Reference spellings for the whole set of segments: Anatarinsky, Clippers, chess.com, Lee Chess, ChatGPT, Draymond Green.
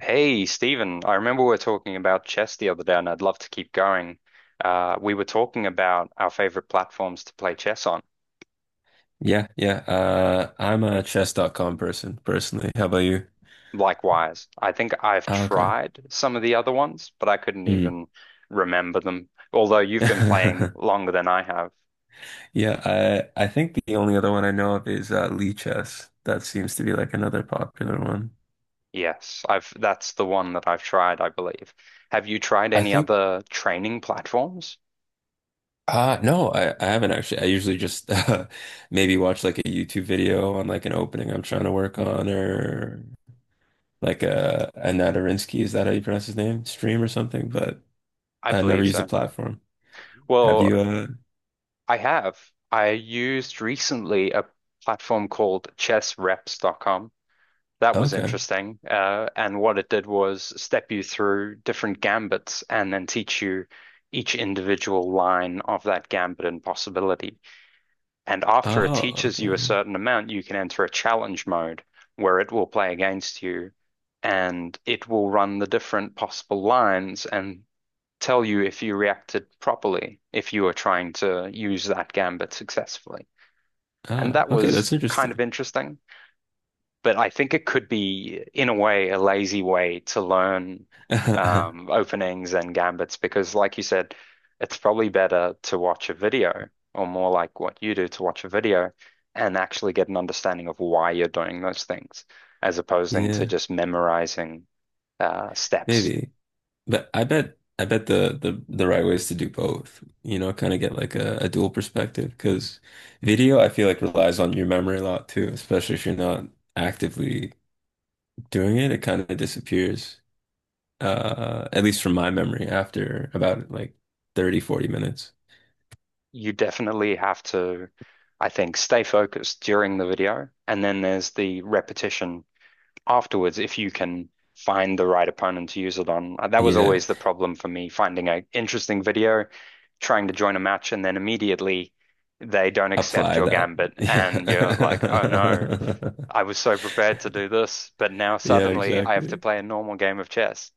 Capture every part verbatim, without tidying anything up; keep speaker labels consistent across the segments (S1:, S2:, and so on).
S1: Hey, Stephen, I remember we were talking about chess the other day, and I'd love to keep going. Uh, we were talking about our favorite platforms to play chess on.
S2: Yeah, yeah. Uh, I'm a chess dot com person personally. How about you?
S1: Likewise, I think I've
S2: Oh, okay.
S1: tried some of the other ones, but I couldn't
S2: Mm.
S1: even remember them. Although you've been playing longer than I have.
S2: Yeah, I I think the only other one I know of is uh, Lee Chess. That seems to be like another popular one.
S1: Yes, I've that's the one that I've tried, I believe. Have you tried
S2: I
S1: any
S2: think
S1: other training platforms?
S2: uh no, I, I haven't actually. I usually just uh, maybe watch like a YouTube video on like an opening I'm trying to work on or like a uh Anatarinsky, is that how you pronounce his name? Stream or something, but
S1: I
S2: I never
S1: believe
S2: use the
S1: so.
S2: platform. Have
S1: Well,
S2: you uh
S1: I have. I used recently a platform called chessreps dot com. That was
S2: okay.
S1: interesting. Uh, and what it did was step you through different gambits and then teach you each individual line of that gambit and possibility. And after it
S2: Oh,
S1: teaches you a
S2: okay.
S1: certain amount, you can enter a challenge mode where it will play against you and it will run the different possible lines and tell you if you reacted properly, if you were trying to use that gambit successfully. And
S2: Ah,
S1: that
S2: okay,
S1: was
S2: that's
S1: kind of
S2: interesting.
S1: interesting, but I think it could be, in a way, a lazy way to learn um, openings and gambits because, like you said, it's probably better to watch a video, or more like what you do, to watch a video and actually get an understanding of why you're doing those things, as opposing to
S2: Yeah,
S1: just memorizing uh, steps.
S2: maybe. But I bet I bet the the the right way is to do both. You know, kind of get like a, a dual perspective because video I feel like relies on your memory a lot too, especially if you're not actively doing it, it kind of disappears. Uh, at least from my memory after about like thirty, forty minutes.
S1: You definitely have to, I think, stay focused during the video. And then there's the repetition afterwards if you can find the right opponent to use it on. Uh, That was
S2: Yeah,
S1: always the problem for me, finding an interesting video, trying to join a match, and then immediately they don't accept
S2: apply
S1: your
S2: that.
S1: gambit. And you're like, oh no,
S2: Yeah.
S1: I was so prepared to do this, but now
S2: Yeah,
S1: suddenly I have to
S2: exactly.
S1: play a normal game of chess.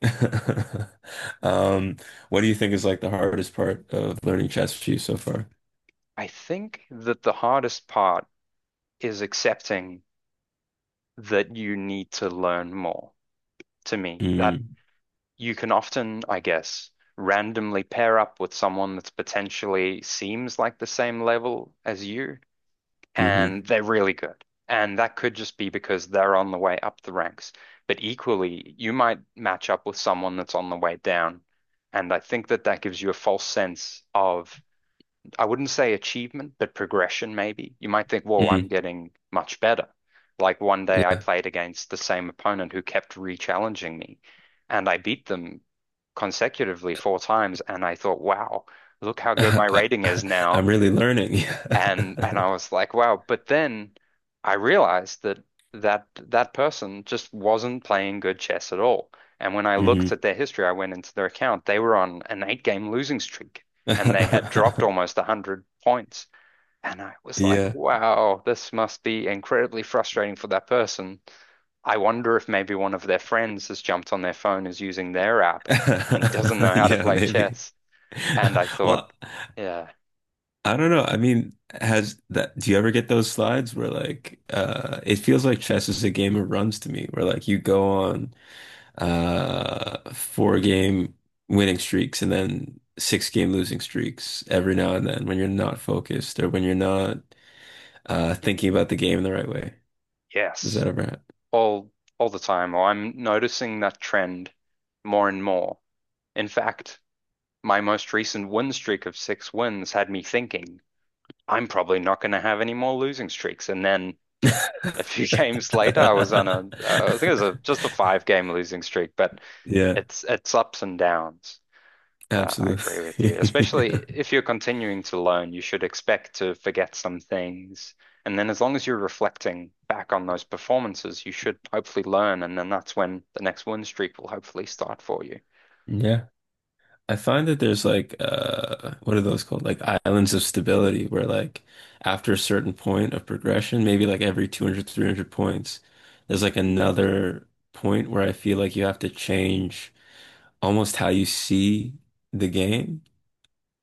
S2: Um, what do you think is like the hardest part of learning ChatGPT so far?
S1: I think that the hardest part is accepting that you need to learn more. To me, that,
S2: Mm,
S1: you can often, I guess, randomly pair up with someone that's potentially seems like the same level as you,
S2: hmm
S1: and they're really good. And that could just be because they're on the way up the ranks. But equally, you might match up with someone that's on the way down. And I think that that gives you a false sense of, I wouldn't say achievement, but progression maybe. You might think, whoa, I'm
S2: mm,
S1: getting much better. Like one day I
S2: yeah.
S1: played against the same opponent who kept re-challenging me, and I beat them consecutively four times, and I thought, wow, look how good my rating is now.
S2: I'm really learning.
S1: And and I was like, wow. But then I realized that that that person just wasn't playing good chess at all. And when I
S2: Yeah. Hmm.
S1: looked at their history, I went into their account. They were on an eight game losing streak, and they had dropped almost one hundred points. And I was like,
S2: Yeah.
S1: wow, this must be incredibly frustrating for that person. I wonder if maybe one of their friends has jumped on their phone, is using their app, and doesn't know how to
S2: Yeah,
S1: play
S2: maybe.
S1: chess. And I thought,
S2: Well,
S1: yeah,
S2: I don't know. I mean, has that, do you ever get those slides where like, uh, it feels like chess is a game of runs to me, where like you go on uh four game winning streaks and then six game losing streaks every now and then when you're not focused or when you're not uh thinking about the game in the right way. Does
S1: yes.
S2: that ever happen?
S1: all all the time, or I'm noticing that trend more and more. In fact, my most recent win streak of six wins had me thinking, I'm probably not going to have any more losing streaks. And then a few games later, I was on a, uh, I think it was a, just a five game losing streak, but
S2: Yeah,
S1: it's it's ups and downs. Uh, I agree with you.
S2: absolutely.
S1: Especially if you're continuing to learn, you should expect to forget some things. And then as long as you're reflecting back on those performances, you should hopefully learn. And then that's when the next win streak will hopefully start for you.
S2: Yeah. I find that there's like uh what are those called? Like islands of stability where like after a certain point of progression, maybe like every two hundred, three hundred points, there's like another point where I feel like you have to change almost how you see the game.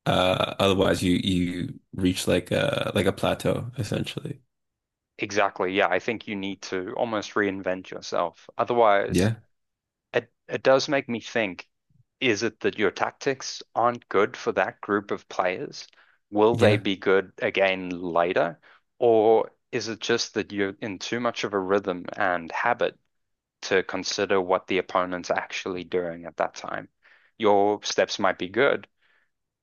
S2: Uh otherwise you you reach like a like a plateau essentially.
S1: Exactly. Yeah, I think you need to almost reinvent yourself. Otherwise,
S2: Yeah.
S1: it it does make me think, is it that your tactics aren't good for that group of players? Will they
S2: Yeah.
S1: be good again later? Or is it just that you're in too much of a rhythm and habit to consider what the opponent's actually doing at that time? Your steps might be good,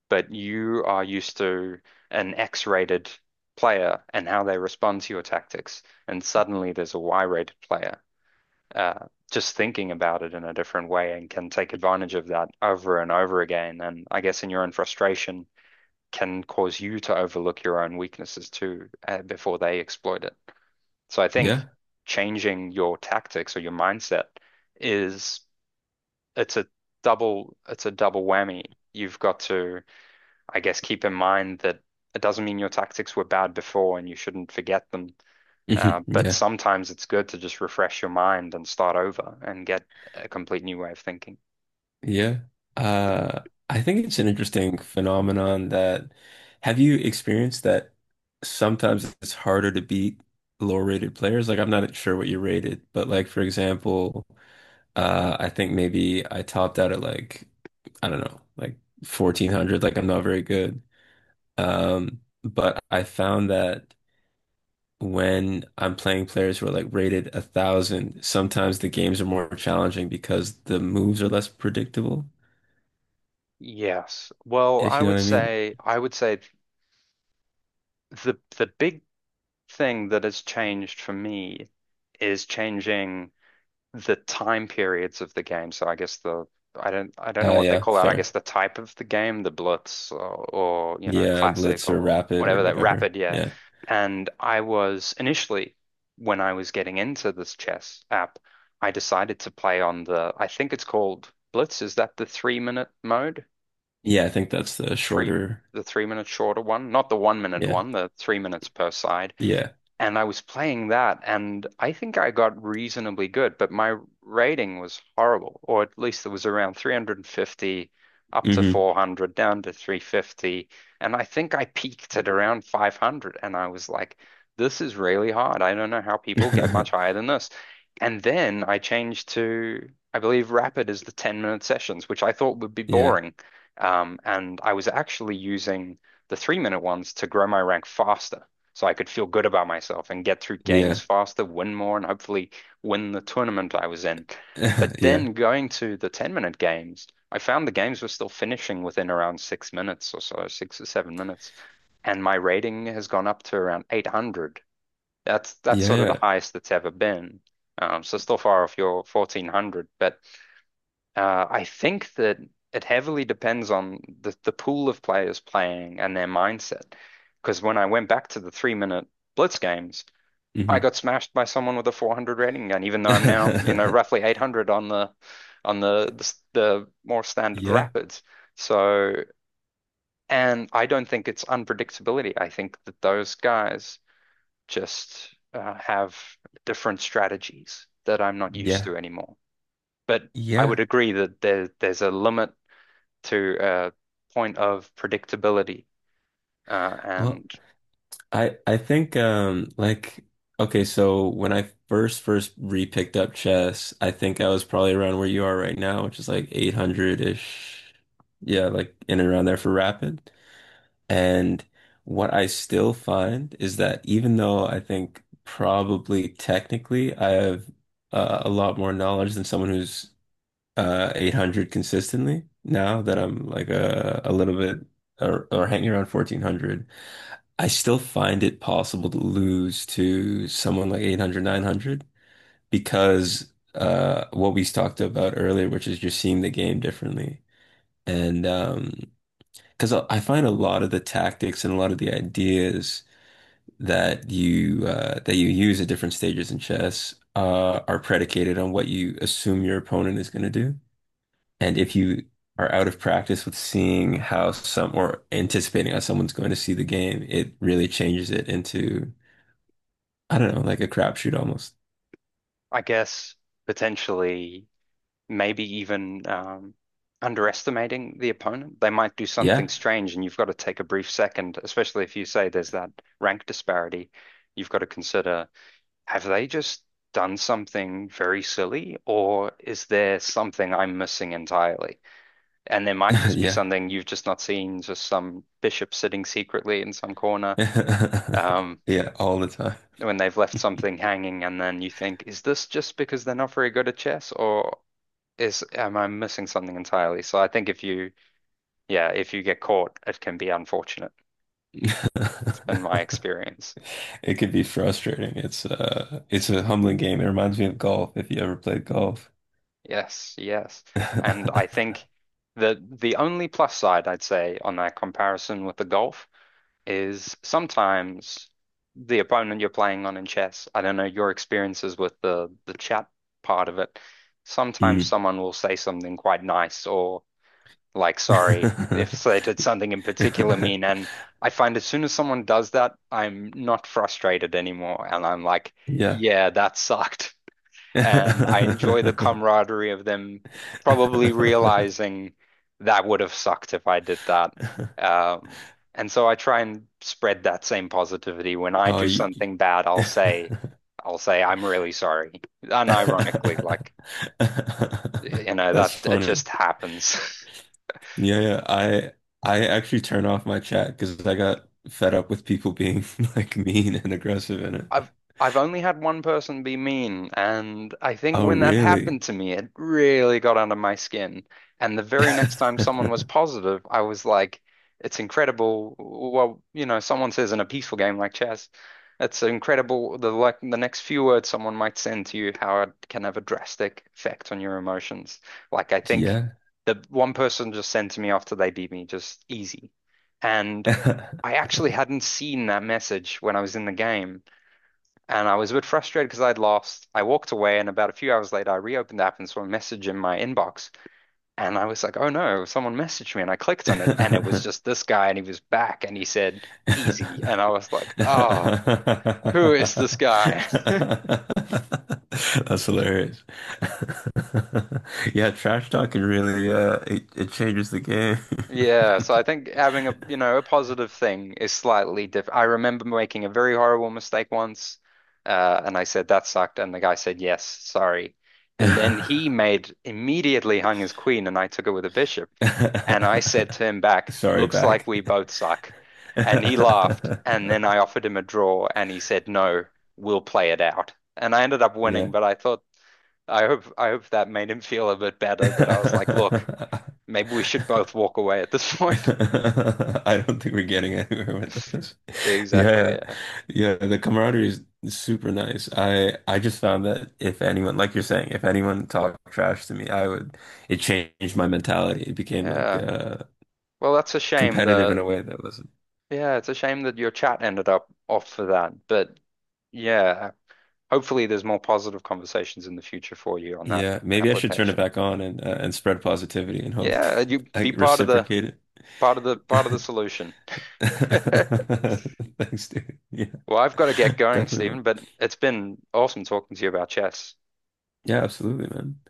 S1: but you are used to an X-rated player and how they respond to your tactics, and suddenly there's a Y-rated player uh, just thinking about it in a different way and can take advantage of that over and over again. And I guess in your own frustration can cause you to overlook your own weaknesses too, uh, before they exploit it. So I
S2: Yeah.
S1: think changing your tactics or your mindset is it's a double it's a double whammy. You've got to, I guess, keep in mind that it doesn't mean your tactics were bad before and you shouldn't forget them. Uh, but
S2: Yeah.
S1: sometimes it's good to just refresh your mind and start over and get a complete new way of thinking.
S2: Yeah. Uh, I think it's an interesting phenomenon that have you experienced that sometimes it's harder to beat lower rated players? Like I'm not sure what you rated, but like for example, uh I think maybe I topped out at like I don't know, like fourteen hundred, like I'm not very good. Um, but I found that when I'm playing players who are like rated a thousand, sometimes the games are more challenging because the moves are less predictable,
S1: Yes. Well,
S2: if
S1: I
S2: you know
S1: would
S2: what I mean.
S1: say I would say the the big thing that has changed for me is changing the time periods of the game. So I guess the, I don't I don't know
S2: Uh,
S1: what they
S2: yeah,
S1: call that. I guess
S2: fair.
S1: the type of the game, the Blitz, or, or you know,
S2: Yeah,
S1: classic
S2: blitz or
S1: or
S2: rapid or
S1: whatever, that
S2: whatever.
S1: rapid, yeah.
S2: Yeah.
S1: And I was initially, when I was getting into this chess app, I decided to play on the, I think it's called Blitz. Is that the three minute mode?
S2: Yeah, I think that's the
S1: The three
S2: shorter.
S1: the three minute shorter one, not the one minute
S2: Yeah.
S1: one, the three minutes per side.
S2: Yeah.
S1: And I was playing that, and I think I got reasonably good, but my rating was horrible, or at least it was around three hundred fifty up to
S2: Hmm.
S1: four hundred, down to three fifty. And I think I peaked at around five hundred, and I was like, this is really hard. I don't know how people get much higher than this. And then I changed to, I believe, Rapid is the ten-minute sessions, which I thought would be
S2: Yeah.
S1: boring. Um, and I was actually using the three-minute ones to grow my rank faster so I could feel good about myself and get through games
S2: Yeah.
S1: faster, win more, and hopefully win the tournament I was in. But
S2: Yeah.
S1: then going to the ten minute games, I found the games were still finishing within around six minutes or so, six or seven minutes. And my rating has gone up to around eight hundred. That's that's sort of the
S2: Yeah.
S1: highest it's ever been. Um, so still far off your fourteen hundred, but uh, I think that it heavily depends on the, the pool of players playing and their mindset. Because when I went back to the three minute blitz games, I
S2: Hmm.
S1: got smashed by someone with a four hundred rating gun, even though I'm now, you know, roughly eight hundred on the on the the, the more standard
S2: Yeah.
S1: rapids. So, and I don't think it's unpredictability. I think that those guys just uh, have different strategies that I'm not used
S2: Yeah.
S1: to anymore. But I would
S2: Yeah.
S1: agree that there there's a limit to a point of predictability, uh,
S2: Well,
S1: and
S2: I I think um like okay, so when I first first re-picked up chess, I think I was probably around where you are right now, which is like eight hundred-ish. Yeah, like in and around there for rapid. And what I still find is that even though I think probably technically I have uh, a lot more knowledge than someone who's uh, eight hundred consistently, now that I'm like a, a little bit or, or hanging around fourteen hundred, I still find it possible to lose to someone like eight hundred, nine hundred because uh, what we talked about earlier, which is just seeing the game differently. And um, because I I find a lot of the tactics and a lot of the ideas that you uh, that you use at different stages in chess uh, are predicated on what you assume your opponent is going to do, and if you are out of practice with seeing how some or anticipating how someone's going to see the game, it really changes it into I don't know, like a crapshoot almost.
S1: I guess potentially maybe even um, underestimating the opponent. They might do something
S2: Yeah,
S1: strange and you've got to take a brief second, especially if you say there's that rank disparity. You've got to consider, have they just done something very silly, or is there something I'm missing entirely? And there might just be
S2: yeah,
S1: something you've just not seen, just some bishop sitting secretly in some corner. Um,
S2: yeah, all the time.
S1: when they've left something hanging and then you think, is this just because they're not very good at chess, or is am I missing something entirely? So I think if you, yeah, if you get caught, it can be unfortunate. It's been my experience.
S2: It could be frustrating. It's uh it's a humbling game. It reminds me of golf if you ever played golf.
S1: Yes, yes. And I think that the only plus side I'd say on that comparison with the golf is sometimes the opponent you're playing on in chess, I don't know your experiences with the the chat part of it. Sometimes
S2: Mm.
S1: someone will say something quite nice, or like, sorry, if they did something in particular mean. And I find as soon as someone does that, I'm not frustrated anymore. And I'm like,
S2: Yeah.
S1: yeah, that sucked. And I enjoy the camaraderie of them probably realizing that would have sucked if I did that. Um, and so I try and spread that same positivity. When I
S2: Oh,
S1: do
S2: you...
S1: something bad, I'll say, I'll say, I'm really sorry. Unironically, like, you know,
S2: That's
S1: that it
S2: funny.
S1: just happens.
S2: Yeah, yeah. I I actually turn off my chat because I got fed up with people being like mean and aggressive in it.
S1: I've I've only had one person be mean, and I think
S2: Oh,
S1: when that
S2: really?
S1: happened to me, it really got under my skin. And the very next time someone was positive, I was like, it's incredible. Well, you know, someone says in a peaceful game like chess, it's incredible the, like, the next few words someone might send to you, how it can have a drastic effect on your emotions. Like, I think
S2: Yeah.
S1: the one person just sent to me after they beat me, just, easy. And I actually hadn't seen that message when I was in the game. And I was a bit frustrated because I'd lost. I walked away, and about a few hours later, I reopened the app and saw a message in my inbox. And I was like, oh no, someone messaged me. And I clicked on it, and it was
S2: That's
S1: just this guy, and he was back, and he said, easy. And I was like, oh, who is this guy?
S2: hilarious. Yeah, trash talk can really uh it, it changes the game.
S1: Yeah. So I think having a, you know, a positive thing is slightly different. I remember making a very horrible mistake once, uh, and I said, that sucked. And the guy said, yes, sorry. And then he made, immediately hung his queen, and I took it with a bishop. And I said to him back,
S2: Sorry,
S1: looks like
S2: back.
S1: we both suck. And he laughed. And then I offered him a draw and he said, no, we'll play it out. And I ended up
S2: Yeah.
S1: winning, but I thought, I hope, I hope that made him feel a bit better, that I was like, look,
S2: I
S1: maybe we should both walk away at this point.
S2: don't think we're getting anywhere with this.
S1: Exactly.
S2: Yeah,
S1: Yeah.
S2: yeah, the camaraderie is super nice. I I just found that if anyone, like you're saying, if anyone talked trash to me, I would, it changed my mentality. It became like
S1: Yeah.
S2: uh
S1: Well, that's a shame.
S2: competitive in a
S1: The,
S2: way that was,
S1: yeah, it's a shame that your chat ended up off for that. But yeah, hopefully there's more positive conversations in the future for you on that
S2: yeah, maybe I should turn it
S1: application.
S2: back on and uh,
S1: Mm,
S2: and spread positivity and hope
S1: yeah, you
S2: I
S1: be part of the,
S2: reciprocate
S1: Part of the part of the
S2: it.
S1: solution.
S2: Thanks, dude. Yeah,
S1: Well, I've got to get going,
S2: definitely, man.
S1: Stephen, but it's been awesome talking to you about chess.
S2: Yeah, absolutely, man.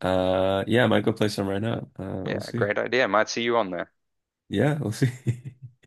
S2: Uh, yeah, I might go play some right now. Uh, we'll
S1: Yeah,
S2: see.
S1: great idea. Might see you on there.
S2: Yeah, we'll see.